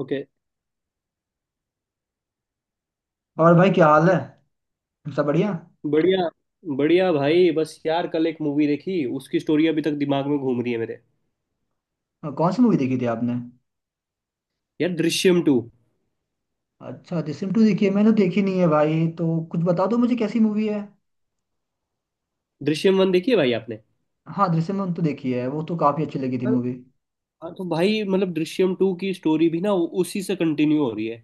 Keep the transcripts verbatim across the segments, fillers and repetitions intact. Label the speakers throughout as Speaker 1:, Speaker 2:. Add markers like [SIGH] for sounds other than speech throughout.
Speaker 1: Okay.
Speaker 2: और भाई क्या हाल है? सब बढ़िया।
Speaker 1: बढ़िया। बढ़िया भाई, बस यार कल एक मूवी देखी, उसकी स्टोरी अभी तक दिमाग में घूम रही है मेरे।
Speaker 2: और कौन सी मूवी देखी थी आपने?
Speaker 1: यार, दृश्यम टू।
Speaker 2: अच्छा, दृश्यम टू देखी है, मैंने तो देखी नहीं है भाई, तो कुछ बता दो मुझे कैसी मूवी है।
Speaker 1: दृश्यम वन देखी है भाई आपने?
Speaker 2: हाँ, दृश्यम वन तो देखी है, वो तो काफी अच्छी लगी थी
Speaker 1: हाँ।
Speaker 2: मूवी।
Speaker 1: हाँ, तो भाई मतलब दृश्यम टू की स्टोरी भी ना वो उसी से कंटिन्यू हो रही है।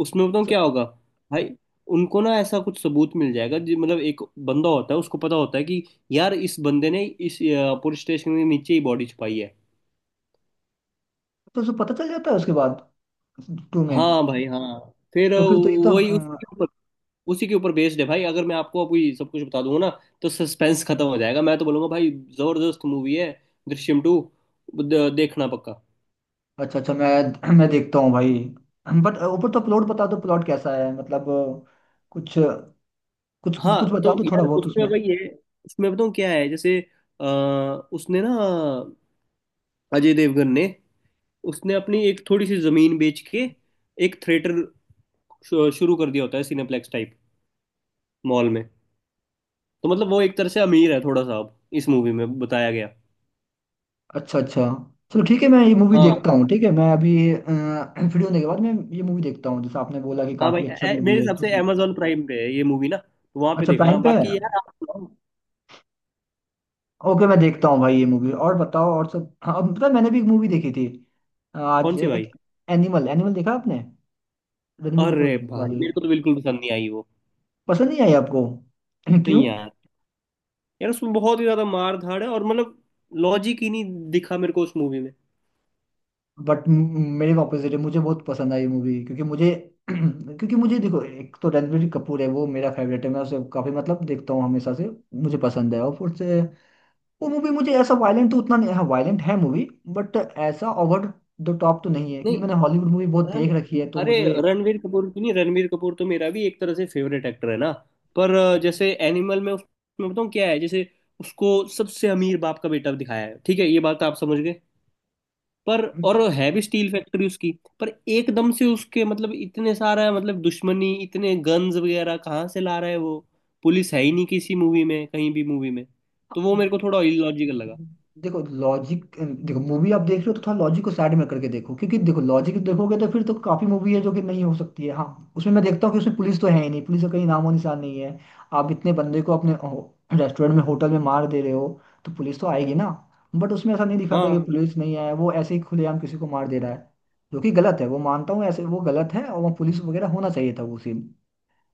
Speaker 1: उसमें बताऊँ
Speaker 2: अच्छा,
Speaker 1: क्या होगा? भाई, उनको ना ऐसा कुछ सबूत मिल जाएगा जी, मतलब एक बंदा होता है उसको पता होता है कि यार इस बंदे ने इस पुलिस स्टेशन के नीचे ही बॉडी छुपाई है।
Speaker 2: तो उसको पता चल जाता है उसके बाद टू में?
Speaker 1: हाँ भाई, हाँ। फिर
Speaker 2: तो फिर तो ये तो
Speaker 1: वही
Speaker 2: अ,
Speaker 1: उसके ऊपर, उसी के ऊपर बेस्ड है भाई। अगर मैं आपको अभी सब कुछ बता दूंगा ना तो सस्पेंस खत्म हो जाएगा। मैं तो बोलूंगा भाई, जबरदस्त मूवी है दृश्यम टू, देखना पक्का।
Speaker 2: अच्छा अच्छा, मैं मैं देखता हूँ भाई। बट ऊपर तो प्लॉट बता दो, प्लॉट कैसा है मतलब अ, कुछ कुछ कुछ
Speaker 1: हाँ
Speaker 2: बता
Speaker 1: तो
Speaker 2: दो थोड़ा
Speaker 1: यार,
Speaker 2: बहुत
Speaker 1: उसमें
Speaker 2: उसमें।
Speaker 1: भाई ये, उसमें बताऊँ क्या है? जैसे अ, उसने ना, अजय देवगन ने, उसने अपनी एक थोड़ी सी जमीन बेच के एक थिएटर शुरू कर दिया होता है, सिनेप्लेक्स टाइप मॉल में। तो मतलब वो एक तरह से अमीर है थोड़ा सा, अब इस मूवी में बताया गया।
Speaker 2: अच्छा अच्छा, चलो ठीक है, मैं ये मूवी
Speaker 1: हाँ।
Speaker 2: देखता हूँ। ठीक है, मैं अभी अ, फ्री होने के बाद मैं ये मूवी देखता हूँ, जैसे आपने बोला कि
Speaker 1: हाँ भाई,
Speaker 2: काफी
Speaker 1: ए-
Speaker 2: अच्छा
Speaker 1: ए-
Speaker 2: मूवी
Speaker 1: मेरे
Speaker 2: है
Speaker 1: हिसाब
Speaker 2: तो।
Speaker 1: से अमेजोन प्राइम पे है ये मूवी ना, तो वहां पे
Speaker 2: अच्छा,
Speaker 1: देखना।
Speaker 2: प्राइम पे है।
Speaker 1: बाकी यार, आप सुनाओ।
Speaker 2: ओके, मैं देखता हूँ भाई ये मूवी। और बताओ और सब। हाँ, अब पता है, मैंने भी एक मूवी देखी थी
Speaker 1: कौन
Speaker 2: आज,
Speaker 1: सी भाई?
Speaker 2: एक एनिमल, एनिमल देखा आपने? रणबीर कपूर
Speaker 1: अरे भाई,
Speaker 2: वाली?
Speaker 1: मेरे को तो बिल्कुल पसंद नहीं आई वो।
Speaker 2: पसंद नहीं आई आपको? [CLEARS THROAT] क्यों?
Speaker 1: नहीं यार, यार उसमें बहुत ही ज्यादा मार धाड़ है और मतलब लॉजिक ही नहीं दिखा मेरे को उस मूवी में।
Speaker 2: बट मेरे ऑपोजिट है, मुझे बहुत पसंद आई मूवी, क्योंकि मुझे [CLEARS THROAT] क्योंकि मुझे देखो, एक तो रणबीर कपूर है, वो मेरा फेवरेट है, मैं उसे काफी मतलब देखता हूँ हमेशा से, मुझे पसंद है। और फिर से वो मूवी मुझे ऐसा वायलेंट तो उतना नहीं, हाँ वायलेंट है मूवी, बट ऐसा ओवर द टॉप तो नहीं है, क्योंकि
Speaker 1: नहीं,
Speaker 2: मैंने हॉलीवुड मूवी बहुत
Speaker 1: रन,
Speaker 2: देख रखी है तो
Speaker 1: अरे, रणवीर कपूर की, नहीं रणवीर कपूर तो मेरा भी एक तरह से फेवरेट एक्टर है ना। पर अ, जैसे एनिमल में उसमें बताऊँ क्या है? जैसे, उसको सबसे अमीर बाप का बेटा दिखाया है, ठीक है ये बात तो आप समझ गए। पर और है भी स्टील फैक्ट्री उसकी, पर एकदम से उसके मतलब इतने सारा मतलब दुश्मनी, इतने गन्स वगैरह कहाँ से ला रहा है वो? पुलिस है ही नहीं किसी मूवी में, कहीं भी मूवी में। तो वो मेरे
Speaker 2: मुझे।
Speaker 1: को थोड़ा इलॉजिकल लगा।
Speaker 2: देखो लॉजिक देखो, मूवी आप देख रहे हो तो थोड़ा लॉजिक को साइड में करके देखो, क्योंकि देखो लॉजिक देखोगे तो फिर तो काफी मूवी है जो कि नहीं हो सकती है। हाँ उसमें मैं देखता हूँ कि उसमें पुलिस तो है ही नहीं, पुलिस का कहीं नामो निशान नहीं है। आप इतने बंदे को अपने रेस्टोरेंट में, होटल में मार दे रहे हो तो पुलिस तो आएगी ना? बट उसमें ऐसा नहीं दिखाता कि
Speaker 1: हाँ
Speaker 2: पुलिस नहीं आया, वो ऐसे ही खुलेआम किसी को मार दे रहा है, जो कि गलत है, वो मानता हूँ, ऐसे वो गलत है और वो पुलिस वगैरह होना चाहिए था वो सीन।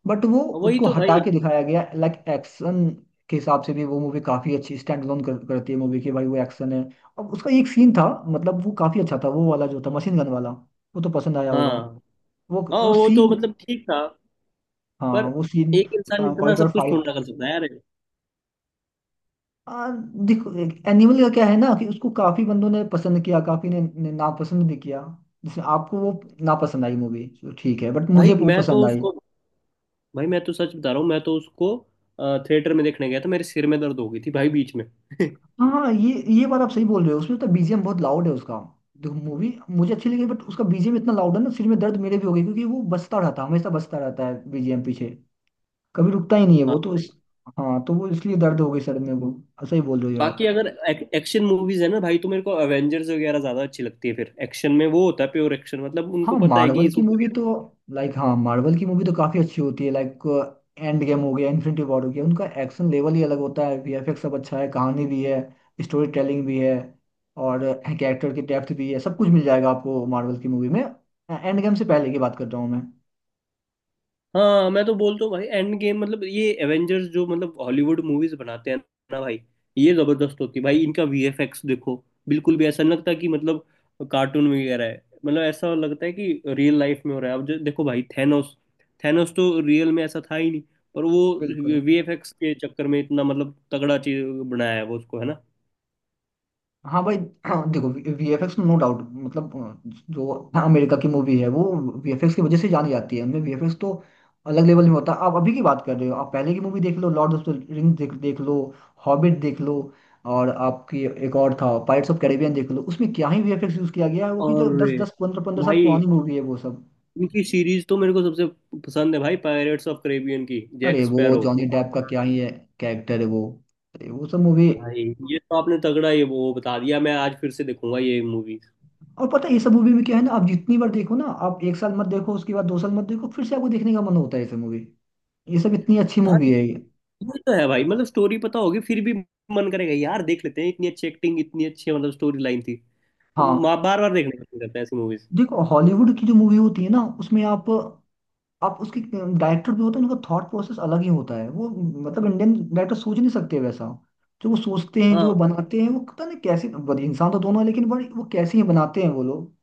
Speaker 2: बट वो
Speaker 1: वही
Speaker 2: उसको
Speaker 1: तो
Speaker 2: हटा
Speaker 1: भाई,
Speaker 2: के दिखाया गया। लाइक एक्शन के हिसाब से भी वो मूवी काफी अच्छी स्टैंड अलोन कर, करती है मूवी की भाई, वो एक्शन है। और उसका एक सीन था, मतलब वो काफी अच्छा था, वो वाला जो था मशीन गन वाला, वो तो पसंद आया होगा।
Speaker 1: हाँ।
Speaker 2: वो
Speaker 1: हाँ
Speaker 2: वो
Speaker 1: वो तो
Speaker 2: सीन,
Speaker 1: मतलब ठीक था, पर
Speaker 2: हाँ वो सीन
Speaker 1: एक इंसान इतना
Speaker 2: कॉरिडोर
Speaker 1: सब कुछ
Speaker 2: फाइट।
Speaker 1: थोड़ा ना कर सकता है यार।
Speaker 2: आ, देखो एनिमल का क्या है ना, कि उसको काफी बंदों ने पसंद किया, काफी ने, ने नापसंद भी किया। जिसमें आपको वो नापसंद आई मूवी, ठीक है, बट मुझे
Speaker 1: भाई
Speaker 2: वो
Speaker 1: मैं तो
Speaker 2: पसंद आई।
Speaker 1: उसको, भाई मैं तो सच बता रहा हूँ, मैं तो उसको थिएटर में देखने गया था, मेरे सिर में दर्द हो गई थी भाई बीच में। [LAUGHS]
Speaker 2: हाँ ये ये बात आप सही बोल रहे हो, उसमें तो बीजीएम बहुत लाउड है उसका। देखो मूवी मुझे अच्छी लगी, बट उसका बीजीएम इतना लाउड है ना, सिर में दर्द मेरे भी हो गई, क्योंकि वो बजता रहता है, हमेशा बजता रहता है बीजीएम पीछे, कभी रुकता ही नहीं है वो तो।
Speaker 1: हाँ।
Speaker 2: इस हाँ, तो वो इसलिए दर्द हो गई सर में वो। सही बोल रहे हो यार आप।
Speaker 1: बाकी अगर एक, एक्शन मूवीज है ना भाई, तो मेरे को एवेंजर्स वगैरह ज्यादा अच्छी लगती है। फिर एक्शन में वो होता है प्योर एक्शन, मतलब
Speaker 2: हाँ
Speaker 1: उनको पता है
Speaker 2: मार्वल
Speaker 1: कि
Speaker 2: की
Speaker 1: सुपर।
Speaker 2: मूवी तो, लाइक, हाँ मार्वल की मूवी तो काफी अच्छी होती है, लाइक एंड गेम हो गया, इन्फिनिटी वॉर हो गया, उनका एक्शन लेवल ही अलग होता है। वीएफएक्स सब अच्छा है, कहानी भी है, स्टोरी टेलिंग भी है, और कैरेक्टर की डेप्थ भी है, सब कुछ मिल जाएगा आपको मार्वल की मूवी में। एंड गेम से पहले की बात कर रहा हूँ मैं।
Speaker 1: हाँ, मैं तो बोलता हूँ भाई, एंड गेम मतलब ये एवेंजर्स जो मतलब हॉलीवुड मूवीज बनाते हैं ना भाई, ये जबरदस्त होती है भाई। इनका वीएफएक्स देखो, बिल्कुल भी ऐसा नहीं लगता कि मतलब कार्टून वगैरह है, मतलब ऐसा लगता है कि रियल लाइफ में हो रहा है। अब जो देखो भाई थैनोस, थैनोस तो रियल में ऐसा था ही नहीं, पर वो
Speaker 2: बिल्कुल।
Speaker 1: वीएफएक्स के चक्कर में इतना मतलब तगड़ा चीज बनाया है वो उसको, है ना।
Speaker 2: हाँ भाई, हाँ देखो वीएफएक्स नो डाउट, मतलब अ, जो अमेरिका की मूवी है वो वीएफएक्स की वजह से जानी जाती है, उनमें वीएफएक्स तो अलग लेवल में होता है। आप अभी की बात कर रहे हो, आप पहले की मूवी देख लो, लॉर्ड ऑफ द रिंग्स देख देख लो, हॉबिट देख लो, और आपकी एक और था पायरेट्स ऑफ कैरेबियन, देख लो उसमें क्या ही वीएफएक्स यूज किया गया है, वो कि
Speaker 1: और
Speaker 2: जो दस दस पंद्रह पंद्रह साल
Speaker 1: भाई,
Speaker 2: पुरानी मूवी है वो सब।
Speaker 1: इनकी सीरीज तो मेरे को सबसे पसंद है भाई, पायरेट्स ऑफ कैरेबियन की, जैक
Speaker 2: अरे वो
Speaker 1: स्पैरो।
Speaker 2: जॉनी डेप का क्या ही है, कैरेक्टर है वो, अरे वो सब मूवी।
Speaker 1: भाई ये तो आपने तगड़ा ये वो बता दिया, मैं आज फिर से देखूंगा ये मूवी।
Speaker 2: और पता है ये सब मूवी में क्या है ना, आप जितनी बार देखो ना, आप एक साल मत देखो, उसके बाद दो साल मत देखो, फिर से आपको देखने का मन होता है ये सब मूवी। ये सब इतनी अच्छी
Speaker 1: हाँ,
Speaker 2: मूवी है ये।
Speaker 1: ये तो है भाई, मतलब स्टोरी पता होगी फिर भी मन करेगा यार देख लेते हैं। इतनी अच्छी एक्टिंग, इतनी अच्छी मतलब स्टोरी लाइन थी, तो
Speaker 2: हाँ
Speaker 1: बार बार देखने का मन करता है ऐसी मूवीज।
Speaker 2: देखो, हॉलीवुड की जो मूवी होती है ना, उसमें आप आप उसके डायरेक्टर भी होते हैं, उनका थॉट प्रोसेस अलग ही होता है वो, मतलब इंडियन डायरेक्टर सोच नहीं सकते वैसा। जो वो सोचते हैं, जो
Speaker 1: हाँ
Speaker 2: वो बनाते हैं, वो पता नहीं कैसे, बड़े इंसान तो दोनों है लेकिन बड़े वो कैसे ही बनाते हैं वो लोग।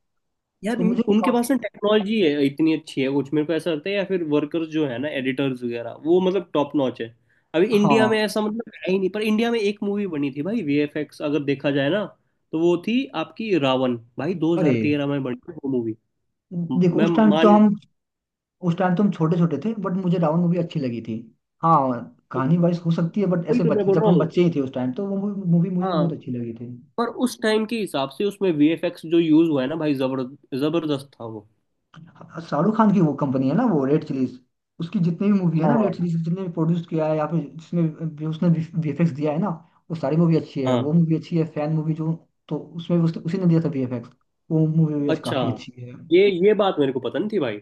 Speaker 1: यार,
Speaker 2: तो
Speaker 1: उन-
Speaker 2: मुझे वो
Speaker 1: उनके पास
Speaker 2: काफी।
Speaker 1: ना टेक्नोलॉजी है इतनी अच्छी है कुछ, मेरे को ऐसा लगता है। या फिर वर्कर्स जो है ना, एडिटर्स वगैरह, वो मतलब टॉप नॉच है। अभी इंडिया में
Speaker 2: हाँ,
Speaker 1: ऐसा मतलब है ही नहीं, पर इंडिया में एक मूवी बनी थी भाई, वीएफएक्स अगर देखा जाए ना, तो वो थी आपकी रावण भाई,
Speaker 2: अरे
Speaker 1: दो हज़ार तेरह में बनी थी वो मूवी।
Speaker 2: देखो
Speaker 1: मैं
Speaker 2: उस टाइम तो
Speaker 1: मान
Speaker 2: हम उस टाइम तो हम छोटे छोटे थे, बट मुझे रावण मूवी अच्छी लगी थी। हाँ,
Speaker 1: तो
Speaker 2: कहानी वाइज हो सकती है बट
Speaker 1: वही
Speaker 2: ऐसे
Speaker 1: तो मैं
Speaker 2: बच्चे,
Speaker 1: बोल
Speaker 2: जब
Speaker 1: रहा
Speaker 2: हम
Speaker 1: हूँ।
Speaker 2: बच्चे ही थे उस टाइम, तो वो मूवी मुझे
Speaker 1: हाँ,
Speaker 2: बहुत अच्छी लगी थी।
Speaker 1: पर उस टाइम के हिसाब से उसमें वीएफएक्स जो यूज हुआ है ना भाई, जबर जबरदस्त था वो।
Speaker 2: हाँ, शाहरुख खान की वो कंपनी है ना वो, रेड चिलीज। उसकी जितनी भी मूवी है ना, रेड
Speaker 1: हाँ।
Speaker 2: चिलीज जितने भी प्रोड्यूस किया है, या फिर जिसमें भी उसने वीएफएक्स दिया है ना, वो सारी मूवी अच्छी है।
Speaker 1: हाँ
Speaker 2: वो मूवी अच्छी है फैन मूवी जो, तो उसमें भी उसने, उसी ने दिया था वीएफएक्स, वो मूवी भी
Speaker 1: अच्छा,
Speaker 2: काफी अच्छी है।
Speaker 1: ये ये बात मेरे को पता नहीं थी भाई।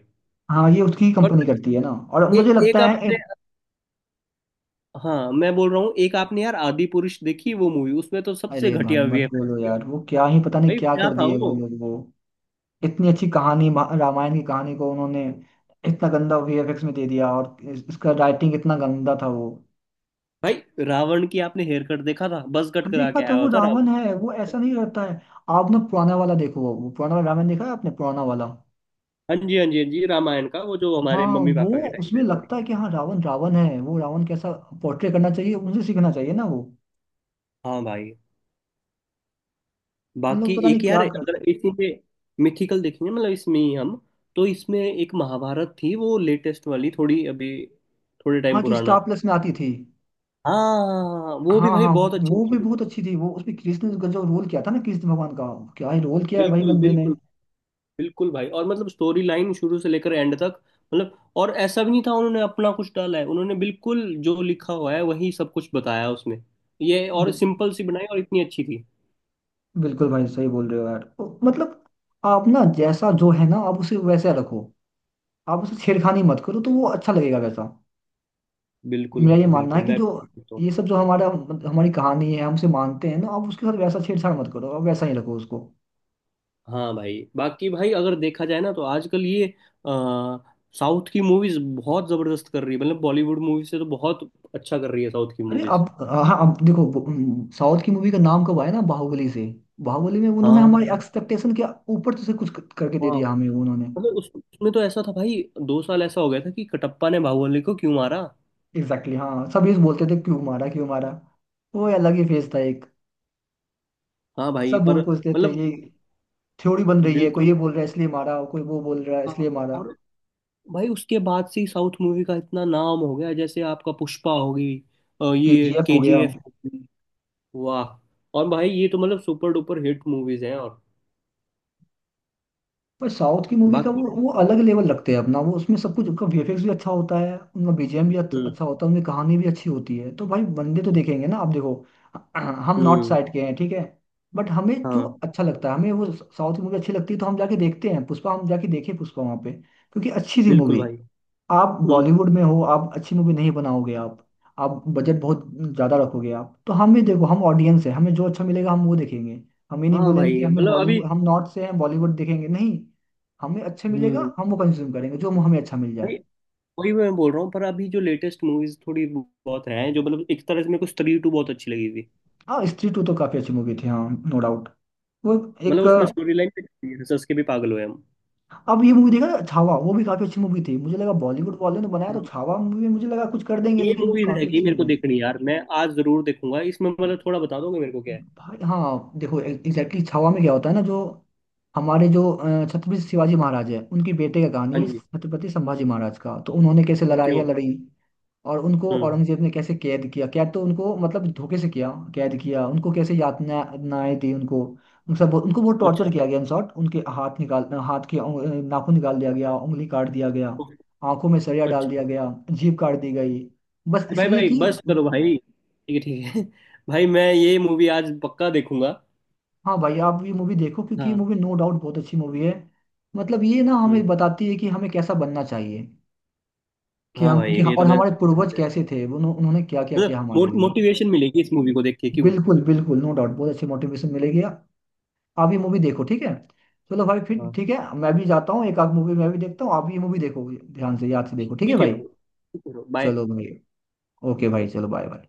Speaker 2: हाँ ये उसकी
Speaker 1: पर
Speaker 2: कंपनी करती है ना, और
Speaker 1: ए,
Speaker 2: मुझे
Speaker 1: एक
Speaker 2: लगता है।
Speaker 1: आपने, हाँ मैं बोल रहा हूँ, एक आपने यार आदि पुरुष देखी वो मूवी, उसमें तो सबसे
Speaker 2: अरे भाई
Speaker 1: घटिया
Speaker 2: मत
Speaker 1: वीएफएक्स
Speaker 2: बोलो
Speaker 1: किया
Speaker 2: यार, वो क्या ही पता नहीं
Speaker 1: भाई,
Speaker 2: क्या
Speaker 1: क्या
Speaker 2: कर
Speaker 1: था
Speaker 2: दिए वो
Speaker 1: वो।
Speaker 2: लोग, वो इतनी अच्छी कहानी मा- रामायण की कहानी को उन्होंने इतना गंदा वीएफएक्स में दे दिया, और इस- इसका राइटिंग इतना गंदा था वो।
Speaker 1: भाई, रावण की आपने हेयर कट देखा था? बस कट करा
Speaker 2: देखा
Speaker 1: के
Speaker 2: था
Speaker 1: आया
Speaker 2: वो,
Speaker 1: हुआ था
Speaker 2: रावण
Speaker 1: रावण
Speaker 2: है वो,
Speaker 1: से।
Speaker 2: ऐसा नहीं रहता है। आपने पुराना वाला देखो, वो पुराना वाला रामायण देखा है आपने पुराना वाला?
Speaker 1: हाँ जी, हाँ जी, हाँ जी, रामायण का वो जो हमारे
Speaker 2: हाँ
Speaker 1: मम्मी
Speaker 2: वो,
Speaker 1: पापा के टाइम पे
Speaker 2: उसमें
Speaker 1: आता था।
Speaker 2: लगता है कि हाँ रावण रावण है, वो रावण कैसा पोर्ट्रे करना चाहिए उनसे सीखना चाहिए ना वो।
Speaker 1: हाँ भाई,
Speaker 2: इन
Speaker 1: बाकी
Speaker 2: लोग पता नहीं
Speaker 1: एक यार,
Speaker 2: क्या कर।
Speaker 1: अगर इसी पे मिथिकल देखेंगे मतलब इसमें ही हम, तो इसमें एक महाभारत थी, वो लेटेस्ट वाली, थोड़ी अभी, थोड़े
Speaker 2: हाँ,
Speaker 1: टाइम
Speaker 2: जो
Speaker 1: पुराना।
Speaker 2: स्टार प्लस में आती थी।
Speaker 1: हाँ वो
Speaker 2: हाँ
Speaker 1: भी भाई
Speaker 2: हाँ,
Speaker 1: बहुत अच्छी
Speaker 2: वो भी
Speaker 1: थी।
Speaker 2: बहुत अच्छी थी वो, उसमें कृष्ण का जो रोल किया था ना, कृष्ण भगवान का, क्या ही रोल किया है भाई
Speaker 1: बिल्कुल,
Speaker 2: बंदे ने।
Speaker 1: बिल्कुल, बिल्कुल भाई। और मतलब स्टोरी लाइन शुरू से लेकर एंड तक, मतलब और ऐसा भी नहीं था उन्होंने अपना कुछ डाला है, उन्होंने बिल्कुल जो लिखा हुआ है वही सब कुछ बताया उसमें। ये और सिंपल सी बनाई और इतनी अच्छी थी।
Speaker 2: बिल्कुल भाई, सही बोल रहे हो यार। ओ, मतलब आप ना जैसा जो है ना, आप उसे वैसा रखो, आप उसे छेड़खानी मत करो, तो वो अच्छा लगेगा वैसा।
Speaker 1: बिल्कुल
Speaker 2: मेरा ये
Speaker 1: भाई
Speaker 2: मानना
Speaker 1: बिल्कुल,
Speaker 2: है कि
Speaker 1: मैं
Speaker 2: जो
Speaker 1: तो।
Speaker 2: ये सब जो हमारा, हमारी कहानी है, हमसे मानते हैं ना, आप उसके साथ वैसा छेड़छाड़ मत करो, आप वैसा ही रखो उसको।
Speaker 1: हाँ भाई, बाकी भाई अगर देखा जाए ना, तो आजकल ये अ, साउथ की मूवीज बहुत जबरदस्त कर रही है, मतलब बॉलीवुड मूवी से तो बहुत अच्छा कर रही है साउथ की
Speaker 2: अरे
Speaker 1: मूवीज।
Speaker 2: आप, हाँ आप देखो, साउथ की मूवी का नाम कब आया ना, बाहुबली से। बाहुबली में उन्होंने हमारे
Speaker 1: हाँ,
Speaker 2: एक्सपेक्टेशन के ऊपर से कुछ क- करके दे
Speaker 1: वाह,
Speaker 2: दिया हमें उन्होंने।
Speaker 1: मतलब उस, उसमें तो ऐसा था भाई, दो साल ऐसा हो गया था कि कटप्पा ने बाहुबली को क्यों मारा।
Speaker 2: एग्जैक्टली exactly, हाँ, सभी बोलते थे क्यों मारा क्यों मारा, वो अलग ही फेज था एक,
Speaker 1: हाँ भाई,
Speaker 2: सब
Speaker 1: पर
Speaker 2: बोल पूछते थे
Speaker 1: मतलब
Speaker 2: ये। थ्योरी बन रही है, कोई
Speaker 1: बिल्कुल,
Speaker 2: ये बोल रहा है इसलिए मारा, कोई वो बोल रहा है
Speaker 1: हाँ।
Speaker 2: इसलिए मारा।
Speaker 1: और भाई, उसके बाद से ही साउथ मूवी का इतना नाम हो गया, जैसे आपका पुष्पा होगी और ये
Speaker 2: केजीएफ हो गया।
Speaker 1: केजीएफ होगी, वाह। और भाई ये तो मतलब सुपर डुपर हिट मूवीज हैं और
Speaker 2: पर साउथ की मूवी का
Speaker 1: बाकी।
Speaker 2: वो वो अलग लेवल रखते हैं अपना, वो उसमें सब कुछ, उनका वीएफएक्स भी अच्छा होता है, उनका बीजीएम भी अच्छा
Speaker 1: हम्म।
Speaker 2: अच्छा होता है, उनकी कहानी भी अच्छी होती है, तो भाई बंदे तो देखेंगे ना। आप देखो, हम नॉर्थ
Speaker 1: हम्म।
Speaker 2: साइड के हैं, ठीक है, बट हमें जो
Speaker 1: हाँ,
Speaker 2: अच्छा लगता है, हमें वो साउथ की मूवी अच्छी लगती है, तो हम जाके देखते हैं पुष्पा, हम जाके देखे पुष्पा वहाँ पे, क्योंकि अच्छी थी
Speaker 1: बिल्कुल
Speaker 2: मूवी।
Speaker 1: भाई।
Speaker 2: आप
Speaker 1: हम्म।
Speaker 2: बॉलीवुड में हो, आप अच्छी मूवी नहीं बनाओगे, आप आप बजट बहुत ज्यादा रखोगे, आप तो, हम भी देखो हम ऑडियंस है, हमें जो अच्छा मिलेगा हम वो देखेंगे, हम ये नहीं
Speaker 1: हाँ
Speaker 2: बोलेंगे कि
Speaker 1: भाई
Speaker 2: हमें
Speaker 1: मतलब अभी।
Speaker 2: बॉलीवुड, हम नॉर्थ से हैं बॉलीवुड देखेंगे नहीं। हमें अच्छा
Speaker 1: हम्म।
Speaker 2: मिलेगा हम वो कंज्यूम करेंगे, जो हमें अच्छा मिल
Speaker 1: भाई
Speaker 2: जाए।
Speaker 1: वही मैं बोल रहा हूँ, पर अभी जो लेटेस्ट मूवीज थोड़ी बहुत हैं जो मतलब एक तरह से, मेरे को स्त्री टू बहुत अच्छी लगी थी।
Speaker 2: हाँ स्त्री टू तो काफी अच्छी मूवी थी, हाँ नो डाउट। वो
Speaker 1: मतलब
Speaker 2: एक
Speaker 1: उसमें
Speaker 2: अ,
Speaker 1: स्टोरी लाइन पे हंस हंस के भी पागल हुए।
Speaker 2: अब ये मूवी देखा है, छावा, वो भी काफी अच्छी मूवी थी, मुझे लगा बॉलीवुड वाले ने बनाया तो
Speaker 1: हम
Speaker 2: छावा मूवी, मुझे लगा कुछ कर देंगे,
Speaker 1: ये
Speaker 2: लेकिन
Speaker 1: मूवी
Speaker 2: काफी
Speaker 1: रहेगी
Speaker 2: अच्छी
Speaker 1: मेरे को
Speaker 2: बनाई।
Speaker 1: देखनी यार, मैं आज जरूर देखूंगा। इसमें मतलब थोड़ा बता दोगे मेरे को क्या है?
Speaker 2: भाई हाँ, देखो एग्जैक्टली छावा में क्या होता है ना, जो हमारे जो अ, छत्रपति शिवाजी महाराज है, उनकी बेटे का कहानी
Speaker 1: हाँ
Speaker 2: है
Speaker 1: जी।
Speaker 2: छत्रपति संभाजी महाराज का। तो उन्होंने कैसे
Speaker 1: ओके
Speaker 2: लड़ाइयाँ
Speaker 1: ओके।
Speaker 2: लड़ी, और उनको
Speaker 1: हम्म।
Speaker 2: औरंगजेब ने कैसे कैद किया, कैद तो उनको मतलब धोखे से किया, कैद किया उनको, कैसे यातनाएं दी उनको। उन सब, उनको बहुत
Speaker 1: अच्छा।
Speaker 2: टॉर्चर किया गया, इन शॉर्ट उनके हाथ निकाल, हाथ के उंग- अ, नाखून निकाल दिया गया, उंगली काट दिया गया,
Speaker 1: ओके,
Speaker 2: आंखों में सरिया डाल
Speaker 1: अच्छा।
Speaker 2: दिया गया, जीभ काट दी गई। बस
Speaker 1: भाई
Speaker 2: इसलिए
Speaker 1: भाई
Speaker 2: कि।
Speaker 1: बस करो भाई, ठीक है ठीक है। [LAUGHS] भाई मैं ये मूवी आज पक्का देखूंगा।
Speaker 2: हाँ भाई, आप ये मूवी देखो क्योंकि ये
Speaker 1: हाँ।
Speaker 2: मूवी नो डाउट बहुत अच्छी मूवी है। मतलब ये ना
Speaker 1: हम्म।
Speaker 2: हमें बताती है कि हमें कैसा बनना चाहिए, कि
Speaker 1: हाँ
Speaker 2: हम
Speaker 1: भाई
Speaker 2: कि,
Speaker 1: ये तो
Speaker 2: और
Speaker 1: मैं,
Speaker 2: हमारे पूर्वज कैसे थे, उन्हों- उन्होंने क्या क्या किया हमारे
Speaker 1: मतलब
Speaker 2: लिए।
Speaker 1: मोटिवेशन मिलेगी इस मूवी को देख के क्यों।
Speaker 2: बिल्कुल बिल्कुल, नो डाउट बहुत अच्छी मोटिवेशन मिलेगी। आप ये मूवी देखो ठीक है। चलो भाई फिर
Speaker 1: हाँ।
Speaker 2: ठीक है, मैं भी जाता हूँ, एक आध मूवी मैं भी देखता हूँ, आप ये मूवी देखो ध्यान से, याद से देखो ठीक है
Speaker 1: ठीक है
Speaker 2: भाई।
Speaker 1: ब्रो, ठीक है ब्रो, बाय।
Speaker 2: चलो भाई, ओके भाई, चलो बाय बाय।